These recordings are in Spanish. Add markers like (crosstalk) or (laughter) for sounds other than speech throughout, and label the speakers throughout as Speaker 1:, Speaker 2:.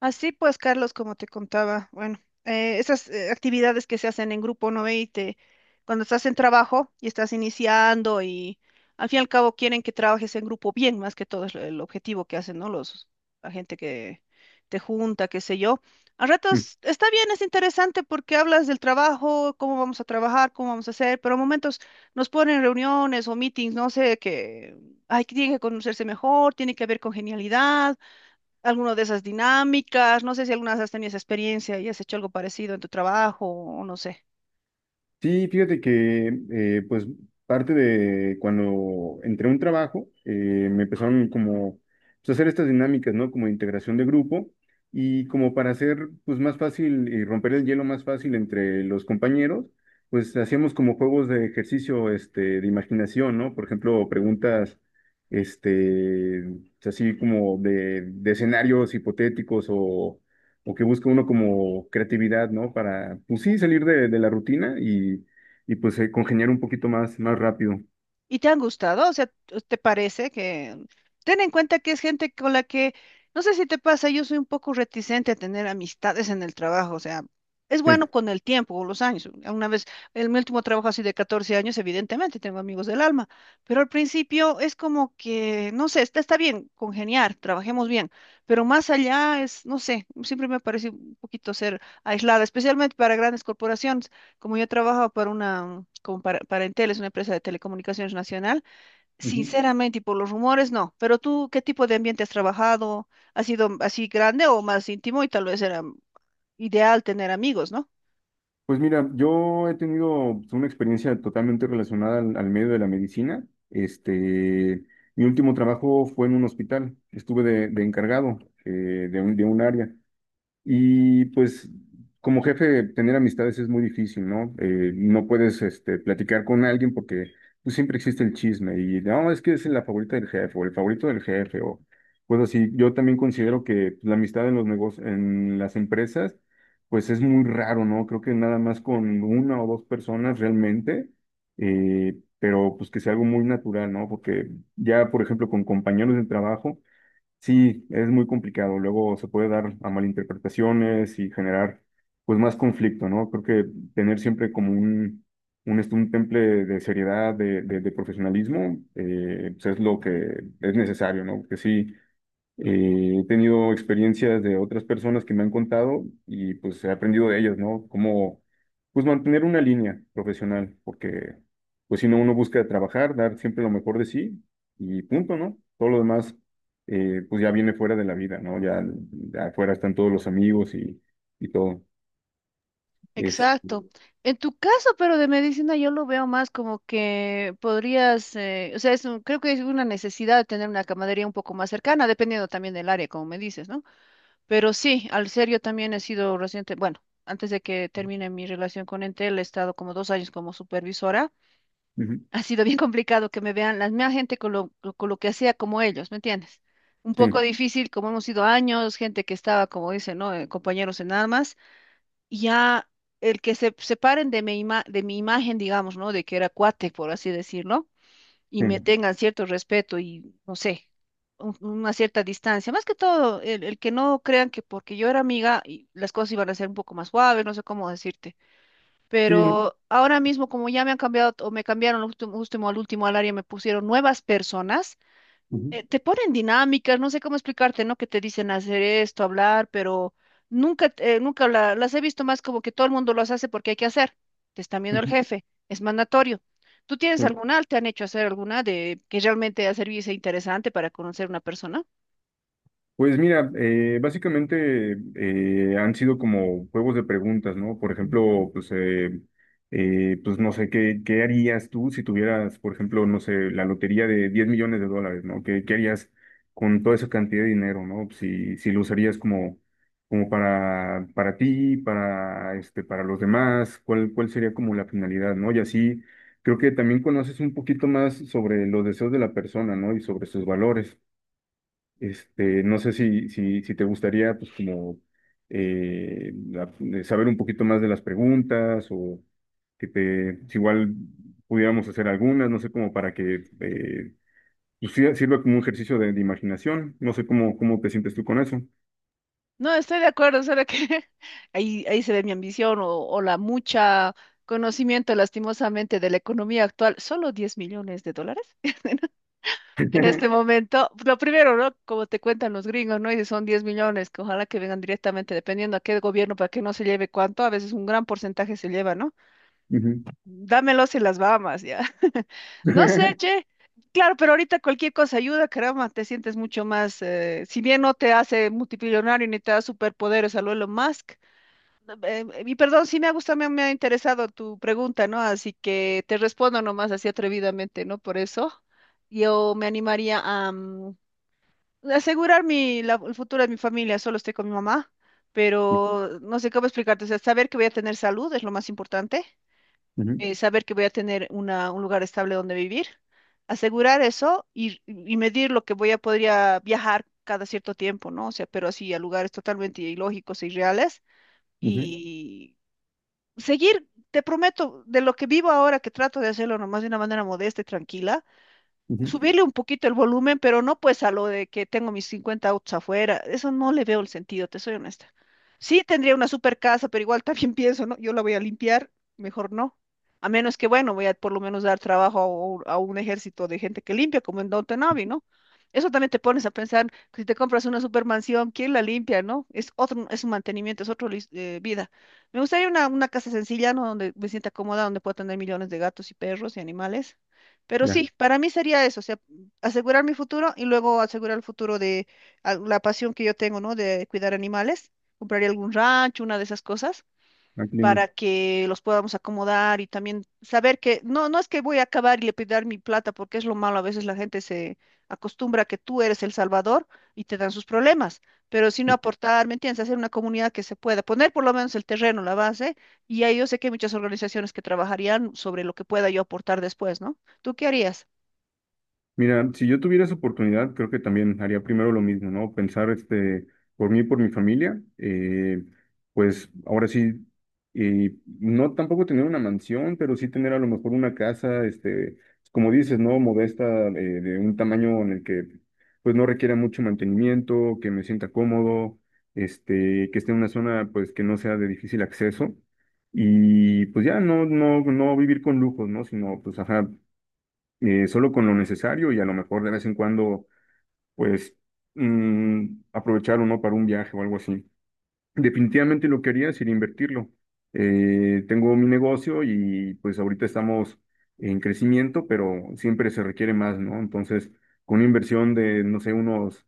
Speaker 1: Así pues, Carlos, como te contaba, bueno, esas actividades que se hacen en grupo, ¿no ve? Y te, cuando estás en trabajo y estás iniciando y al fin y al cabo quieren que trabajes en grupo bien, más que todo es el objetivo que hacen, ¿no? La gente que te junta, qué sé yo. A
Speaker 2: Mm.
Speaker 1: ratos está bien, es interesante porque hablas del trabajo, cómo vamos a trabajar, cómo vamos a hacer, pero a momentos nos ponen reuniones o meetings, no sé, que hay que tiene que conocerse mejor, tiene que haber congenialidad alguna de esas dinámicas, no sé si alguna vez has tenido esa experiencia y has hecho algo parecido en tu trabajo o no sé.
Speaker 2: Sí, fíjate que pues parte de cuando entré a un trabajo, me empezaron como pues, a hacer estas dinámicas, ¿no? Como de integración de grupo y como para hacer pues más fácil y romper el hielo más fácil entre los compañeros, pues hacíamos como juegos de ejercicio este, de imaginación, ¿no? Por ejemplo, preguntas este, así como de escenarios hipotéticos o que busca uno como creatividad, ¿no? Para, pues sí, salir de la rutina y pues congeniar un poquito más, más rápido.
Speaker 1: ¿Y te han gustado? O sea, ¿te parece que... Ten en cuenta que es gente con la que, no sé si te pasa, yo soy un poco reticente a tener amistades en el trabajo, o sea, es bueno
Speaker 2: Sí.
Speaker 1: con el tiempo, o los años. Una vez, en mi último trabajo así de 14 años, evidentemente tengo amigos del alma, pero al principio es como que, no sé, está bien congeniar, trabajemos bien, pero más allá es, no sé, siempre me parece un poquito ser aislada, especialmente para grandes corporaciones. Como yo trabajo para una, como para Entel, es una empresa de telecomunicaciones nacional,
Speaker 2: Ujú.
Speaker 1: sinceramente, y por los rumores, no. Pero tú, ¿qué tipo de ambiente has trabajado? ¿Ha sido así grande o más íntimo? Y tal vez era ideal tener amigos, ¿no?
Speaker 2: Pues mira, yo he tenido pues, una experiencia totalmente relacionada al medio de la medicina. Este, mi último trabajo fue en un hospital. Estuve de encargado de un área. Y pues como jefe, tener amistades es muy difícil, ¿no? No puedes este, platicar con alguien porque pues, siempre existe el chisme y no, es que es la favorita del jefe o el favorito del jefe o pues así. Yo también considero que pues, la amistad en los negocios, en las empresas, pues es muy raro, ¿no? Creo que nada más con una o dos personas realmente, pero pues que sea algo muy natural, ¿no? Porque ya, por ejemplo, con compañeros de trabajo. Sí, es muy complicado. Luego se puede dar a malinterpretaciones y generar pues más conflicto, ¿no? Creo que tener siempre como un temple de seriedad, de profesionalismo, pues es lo que es necesario, ¿no? Que sí, he tenido experiencias de otras personas que me han contado y pues he aprendido de ellas, ¿no? Cómo pues mantener una línea profesional, porque pues si no uno busca trabajar, dar siempre lo mejor de sí y punto, ¿no? Todo lo demás pues ya viene fuera de la vida, ¿no? Ya, ya afuera están todos los amigos y todo. Es,
Speaker 1: Exacto. En tu caso, pero de medicina, yo lo veo más como que podrías, o sea, creo que es una necesidad de tener una camaradería un poco más cercana, dependiendo también del área, como me dices, ¿no? Pero sí, al ser yo también he sido reciente, bueno, antes de que termine mi relación con Entel, he estado como 2 años como supervisora. (laughs)
Speaker 2: ujú,
Speaker 1: Ha sido bien complicado que me vean la misma gente con con lo que hacía como ellos, ¿me entiendes? Un poco
Speaker 2: sí,
Speaker 1: difícil, como hemos sido años, gente que estaba, como dicen, ¿no? Compañeros en armas, y ya el que se separen de de mi imagen, digamos, ¿no? De que era cuate, por así decirlo y me
Speaker 2: sí,
Speaker 1: tengan cierto respeto y, no sé, una cierta distancia. Más que todo, el que no crean que porque yo era amiga y las cosas iban a ser un poco más suaves, no sé cómo decirte.
Speaker 2: sí, no,
Speaker 1: Pero ahora mismo, como ya me han cambiado o me cambiaron al último, último al área, me pusieron nuevas personas
Speaker 2: ujú,
Speaker 1: te ponen dinámicas, no sé cómo explicarte, ¿no? Que te dicen hacer esto, hablar, pero nunca las he visto más como que todo el mundo los hace porque hay que hacer. Te está viendo el
Speaker 2: ujú,
Speaker 1: jefe, es mandatorio. ¿Tú tienes
Speaker 2: sí.
Speaker 1: alguna? ¿Te han hecho hacer alguna de que realmente ha servido y sea interesante para conocer una persona?
Speaker 2: Pues mira, básicamente han sido como juegos de preguntas, ¿no? Por ejemplo, pues, pues no sé, ¿qué harías tú si tuvieras, por ejemplo, no sé, la lotería de $10 millones, ¿no? ¿Qué harías con toda esa cantidad de dinero, ¿no? Si lo usarías como para ti, para los demás, ¿cuál sería como la finalidad, ¿no? Y así creo que también conoces un poquito más sobre los deseos de la persona, ¿no? Y sobre sus valores. Este, no sé si te gustaría, pues, como saber un poquito más de las preguntas o que te, si igual pudiéramos hacer algunas, no sé, como para que pues, sirva como un ejercicio de imaginación. No sé cómo te sientes tú con eso.
Speaker 1: No, estoy de acuerdo, solo que (laughs) ahí, ahí se ve mi ambición o la mucha conocimiento, lastimosamente, de la economía actual. ¿Solo 10 millones de dólares? En este momento, lo primero, ¿no? Como te cuentan los gringos, ¿no? Y si son 10 millones, que ojalá que vengan directamente, dependiendo a qué gobierno, para que no se lleve cuánto, a veces un gran porcentaje se lleva, ¿no?
Speaker 2: Ujú.
Speaker 1: Dámelos y las Bahamas, ya. (laughs) No sé,
Speaker 2: (laughs)
Speaker 1: che. Claro, pero ahorita cualquier cosa ayuda, caramba, te sientes mucho más, si bien no te hace multimillonario ni te da superpoderes a lo Elon Musk. Y perdón, sí me ha gustado, me ha interesado tu pregunta, ¿no? Así que te respondo nomás así atrevidamente, ¿no? Por eso yo me animaría a, asegurar el futuro de mi familia, solo estoy con mi mamá, pero no sé cómo explicarte, o sea, saber que voy a tener salud es lo más importante,
Speaker 2: Ujú,
Speaker 1: saber que voy a tener una, un lugar estable donde vivir, asegurar eso y medir lo que voy a podría viajar cada cierto tiempo, ¿no? O sea, pero así a lugares totalmente ilógicos e irreales
Speaker 2: ujú,
Speaker 1: y seguir, te prometo, de lo que vivo ahora, que trato de hacerlo nomás de una manera modesta y tranquila
Speaker 2: ujú.
Speaker 1: subirle un poquito el volumen, pero no pues a lo de que tengo mis 50 autos afuera. Eso no le veo el sentido, te soy honesta. Sí tendría una super casa, pero igual también (laughs) pienso, ¿no? Yo la voy a limpiar, mejor no. A menos que, bueno, voy a por lo menos dar trabajo a un, ejército de gente que limpia, como en Downton Abbey, ¿no? Eso también te pones a pensar que si te compras una supermansión, ¿quién la limpia, no? Es otro, es un mantenimiento, es otra vida. Me gustaría una casa sencilla, ¿no? Donde me sienta cómoda, donde pueda tener millones de gatos y perros y animales. Pero
Speaker 2: Ya,
Speaker 1: sí, para mí sería eso, o sea, asegurar mi futuro y luego asegurar el futuro de la pasión que yo tengo, ¿no? De cuidar animales. Compraría algún rancho, una de esas cosas,
Speaker 2: ah, qué lindo.
Speaker 1: para que los podamos acomodar y también saber que no, no es que voy a acabar y le pedir mi plata, porque es lo malo, a veces la gente se acostumbra a que tú eres el salvador y te dan sus problemas, pero si no aportar, ¿me entiendes? Hacer una comunidad que se pueda, poner por lo menos el terreno, la base, y ahí yo sé que hay muchas organizaciones que trabajarían sobre lo que pueda yo aportar después, ¿no? ¿Tú qué harías?
Speaker 2: Mira, si yo tuviera esa oportunidad, creo que también haría primero lo mismo, ¿no? Pensar, este, por mí y por mi familia, pues ahora sí, y no tampoco tener una mansión, pero sí tener a lo mejor una casa, este, como dices, ¿no? Modesta, de un tamaño en el que, pues, no requiera mucho mantenimiento, que me sienta cómodo, este, que esté en una zona, pues, que no sea de difícil acceso. Y pues ya no, no, no vivir con lujos, ¿no? Sino, pues, ajá solo con lo necesario y a lo mejor de vez en cuando, pues, aprovechar uno para un viaje o algo así. Definitivamente lo que haría sería invertirlo. Tengo mi negocio y pues ahorita estamos en crecimiento, pero siempre se requiere más, ¿no? Entonces, con una inversión de, no sé, unos,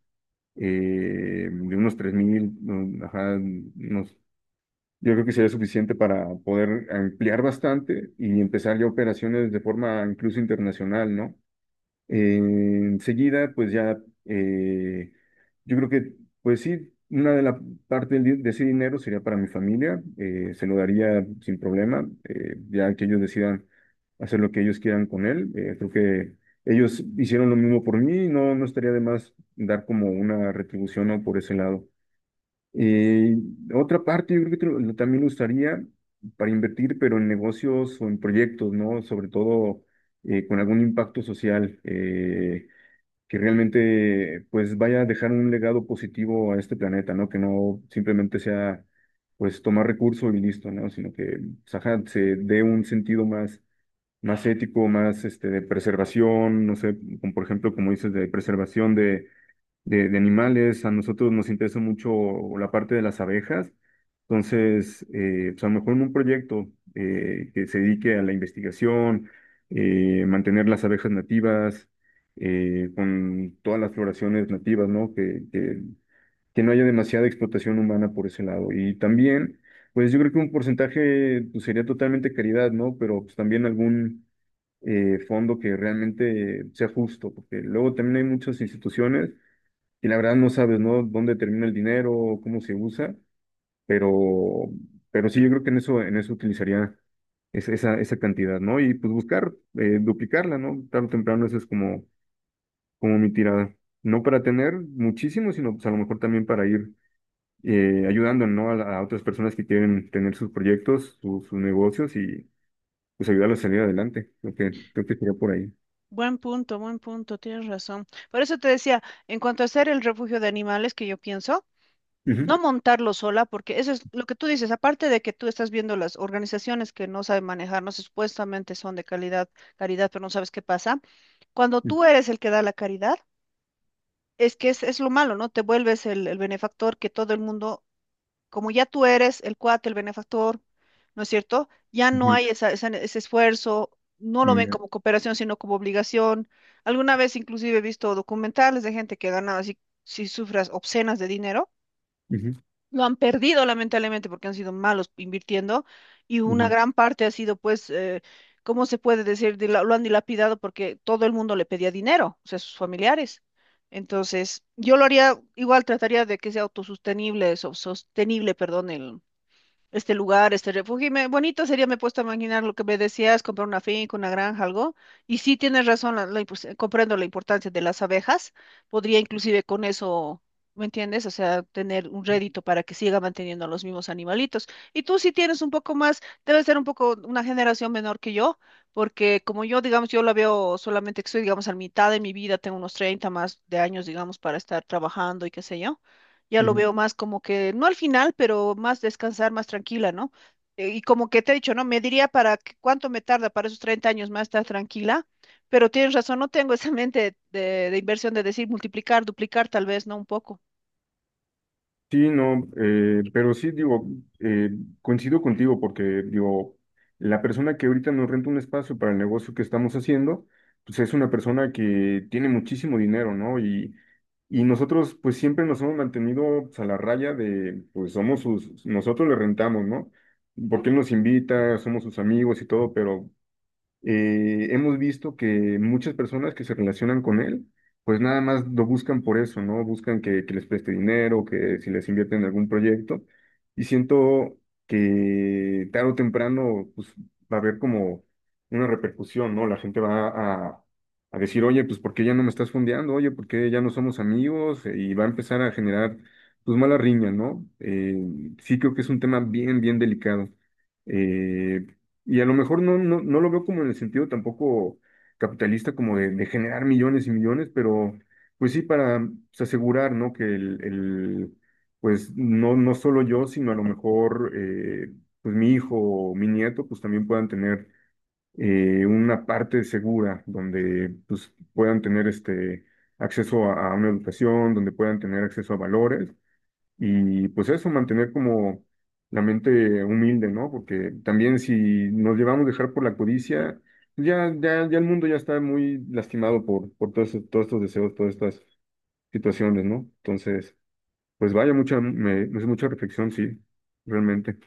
Speaker 2: de unos 3,000, ajá, unos... Yo creo que sería suficiente para poder ampliar bastante y empezar ya operaciones de forma incluso internacional, ¿no? Enseguida, pues ya, eh, yo creo que, pues sí, una de la parte de ese dinero sería para mi familia, se lo daría sin problema, ya que ellos decidan hacer lo que ellos quieran con él. Creo que ellos hicieron lo mismo por mí, no, no estaría de más dar como una retribución, ¿no? Por ese lado. Eh, otra parte, yo creo que también lo usaría para invertir, pero en negocios o en proyectos, ¿no? Sobre todo con algún impacto social que realmente pues vaya a dejar un legado positivo a este planeta, ¿no? Que no simplemente sea pues tomar recursos y listo, ¿no? Sino que pues, ajá, se dé un sentido más, más ético, más este, de preservación, no sé, como por ejemplo, como dices, de preservación de animales. A nosotros nos interesa mucho la parte de las abejas. Entonces, pues a lo mejor en un proyecto que se dedique a la investigación, mantener las abejas nativas, con todas las floraciones nativas, ¿no? Que no haya demasiada explotación humana por ese lado. Y también, pues yo creo que un porcentaje pues, sería totalmente caridad, ¿no? Pero pues también algún fondo que realmente sea justo, porque luego también hay muchas instituciones y la verdad no sabes, ¿no? Dónde termina el dinero, cómo se usa, pero, pero sí, yo creo que en eso, utilizaría esa cantidad, ¿no? Y pues buscar, duplicarla, ¿no? Tarde o temprano eso es como mi tirada. No para tener muchísimo, sino pues a lo mejor también para ir ayudando, ¿no? A otras personas que quieren tener sus proyectos, sus negocios y pues ayudarlos a salir adelante. Creo que sería por ahí.
Speaker 1: Buen punto, tienes razón. Por eso te decía, en cuanto a hacer el refugio de animales que yo pienso,
Speaker 2: Ujú,
Speaker 1: no montarlo sola, porque eso es lo que tú dices, aparte de que tú estás viendo las organizaciones que no saben manejar, no sé, supuestamente son de calidad, caridad, pero no sabes qué pasa. Cuando tú eres el que da la caridad, es que es lo malo, ¿no? Te vuelves el benefactor que todo el mundo como ya tú eres el cuate, el benefactor, ¿no es cierto? Ya no
Speaker 2: ujú,
Speaker 1: hay ese esfuerzo, no lo ven
Speaker 2: ujú,
Speaker 1: como cooperación, sino como obligación. Alguna vez inclusive he visto documentales de gente que ha ganado así, si sufras obscenas de dinero.
Speaker 2: ujú,
Speaker 1: Lo han perdido lamentablemente porque han sido malos invirtiendo y una
Speaker 2: ujú,
Speaker 1: gran parte ha sido pues, ¿cómo se puede decir? Lo han dilapidado porque todo el mundo le pedía dinero, o sea, sus familiares. Entonces, yo lo haría, igual trataría de que sea autosostenible, sostenible, perdón, este lugar, este refugio. Y bonito sería, me he puesto a imaginar lo que me decías, comprar una finca, una granja, algo. Y sí tienes razón, comprendo la importancia de las abejas. Podría inclusive con eso, ¿me entiendes? O sea, tener un rédito para que siga manteniendo a los mismos animalitos. Y tú sí tienes un poco más, debe ser un poco una generación menor que yo, porque como yo, digamos, yo la veo solamente que estoy, digamos, a la mitad de mi vida, tengo unos 30 y pico de años, digamos, para estar trabajando y qué sé yo ya lo
Speaker 2: ujú.
Speaker 1: veo más como que, no al final, pero más descansar, más tranquila, ¿no? Y como que te he dicho, ¿no? Me diría para cuánto me tarda para esos 30 años más estar tranquila, pero tienes razón, no tengo esa (laughs) mente de inversión de decir multiplicar, duplicar tal vez, ¿no? Un poco.
Speaker 2: Sí, no, pero sí, digo, eh, coincido contigo porque, digo, la persona que ahorita nos renta un espacio para el negocio que estamos haciendo, pues es una persona que tiene muchísimo dinero, ¿no? Y nosotros, pues siempre nos hemos mantenido pues, a la raya de, pues somos sus, nosotros le rentamos, ¿no? Porque él nos invita, somos sus amigos y todo, pero hemos visto que muchas personas que se relacionan con él, pues nada más lo buscan por eso, ¿no? Buscan que les preste dinero, que si les invierten en algún proyecto. Y siento que tarde o temprano, pues va a haber como una repercusión, ¿no? La gente va a decir, oye, pues ¿por qué ya no me estás fondeando? Oye, ¿por qué ya no somos amigos? Y va a empezar a generar, pues, mala riña, ¿no? Sí creo que es un tema bien, bien delicado. Eh, y a lo mejor no, no, no lo veo como en el sentido tampoco capitalista, como de generar millones y millones, pero pues sí para pues, asegurar, ¿no? Que pues no, no solo yo, sino a lo mejor pues mi hijo o mi nieto, pues también puedan tener una parte segura donde pues puedan tener este acceso a una educación, donde puedan tener acceso a valores y pues eso, mantener como la mente humilde, ¿no? Porque también si nos llevamos a dejar por la codicia, pues, ya, ya, ya el mundo ya está muy lastimado por todos, todos estos deseos, todas estas situaciones, ¿no? Entonces, pues vaya, es mucha reflexión, sí, realmente.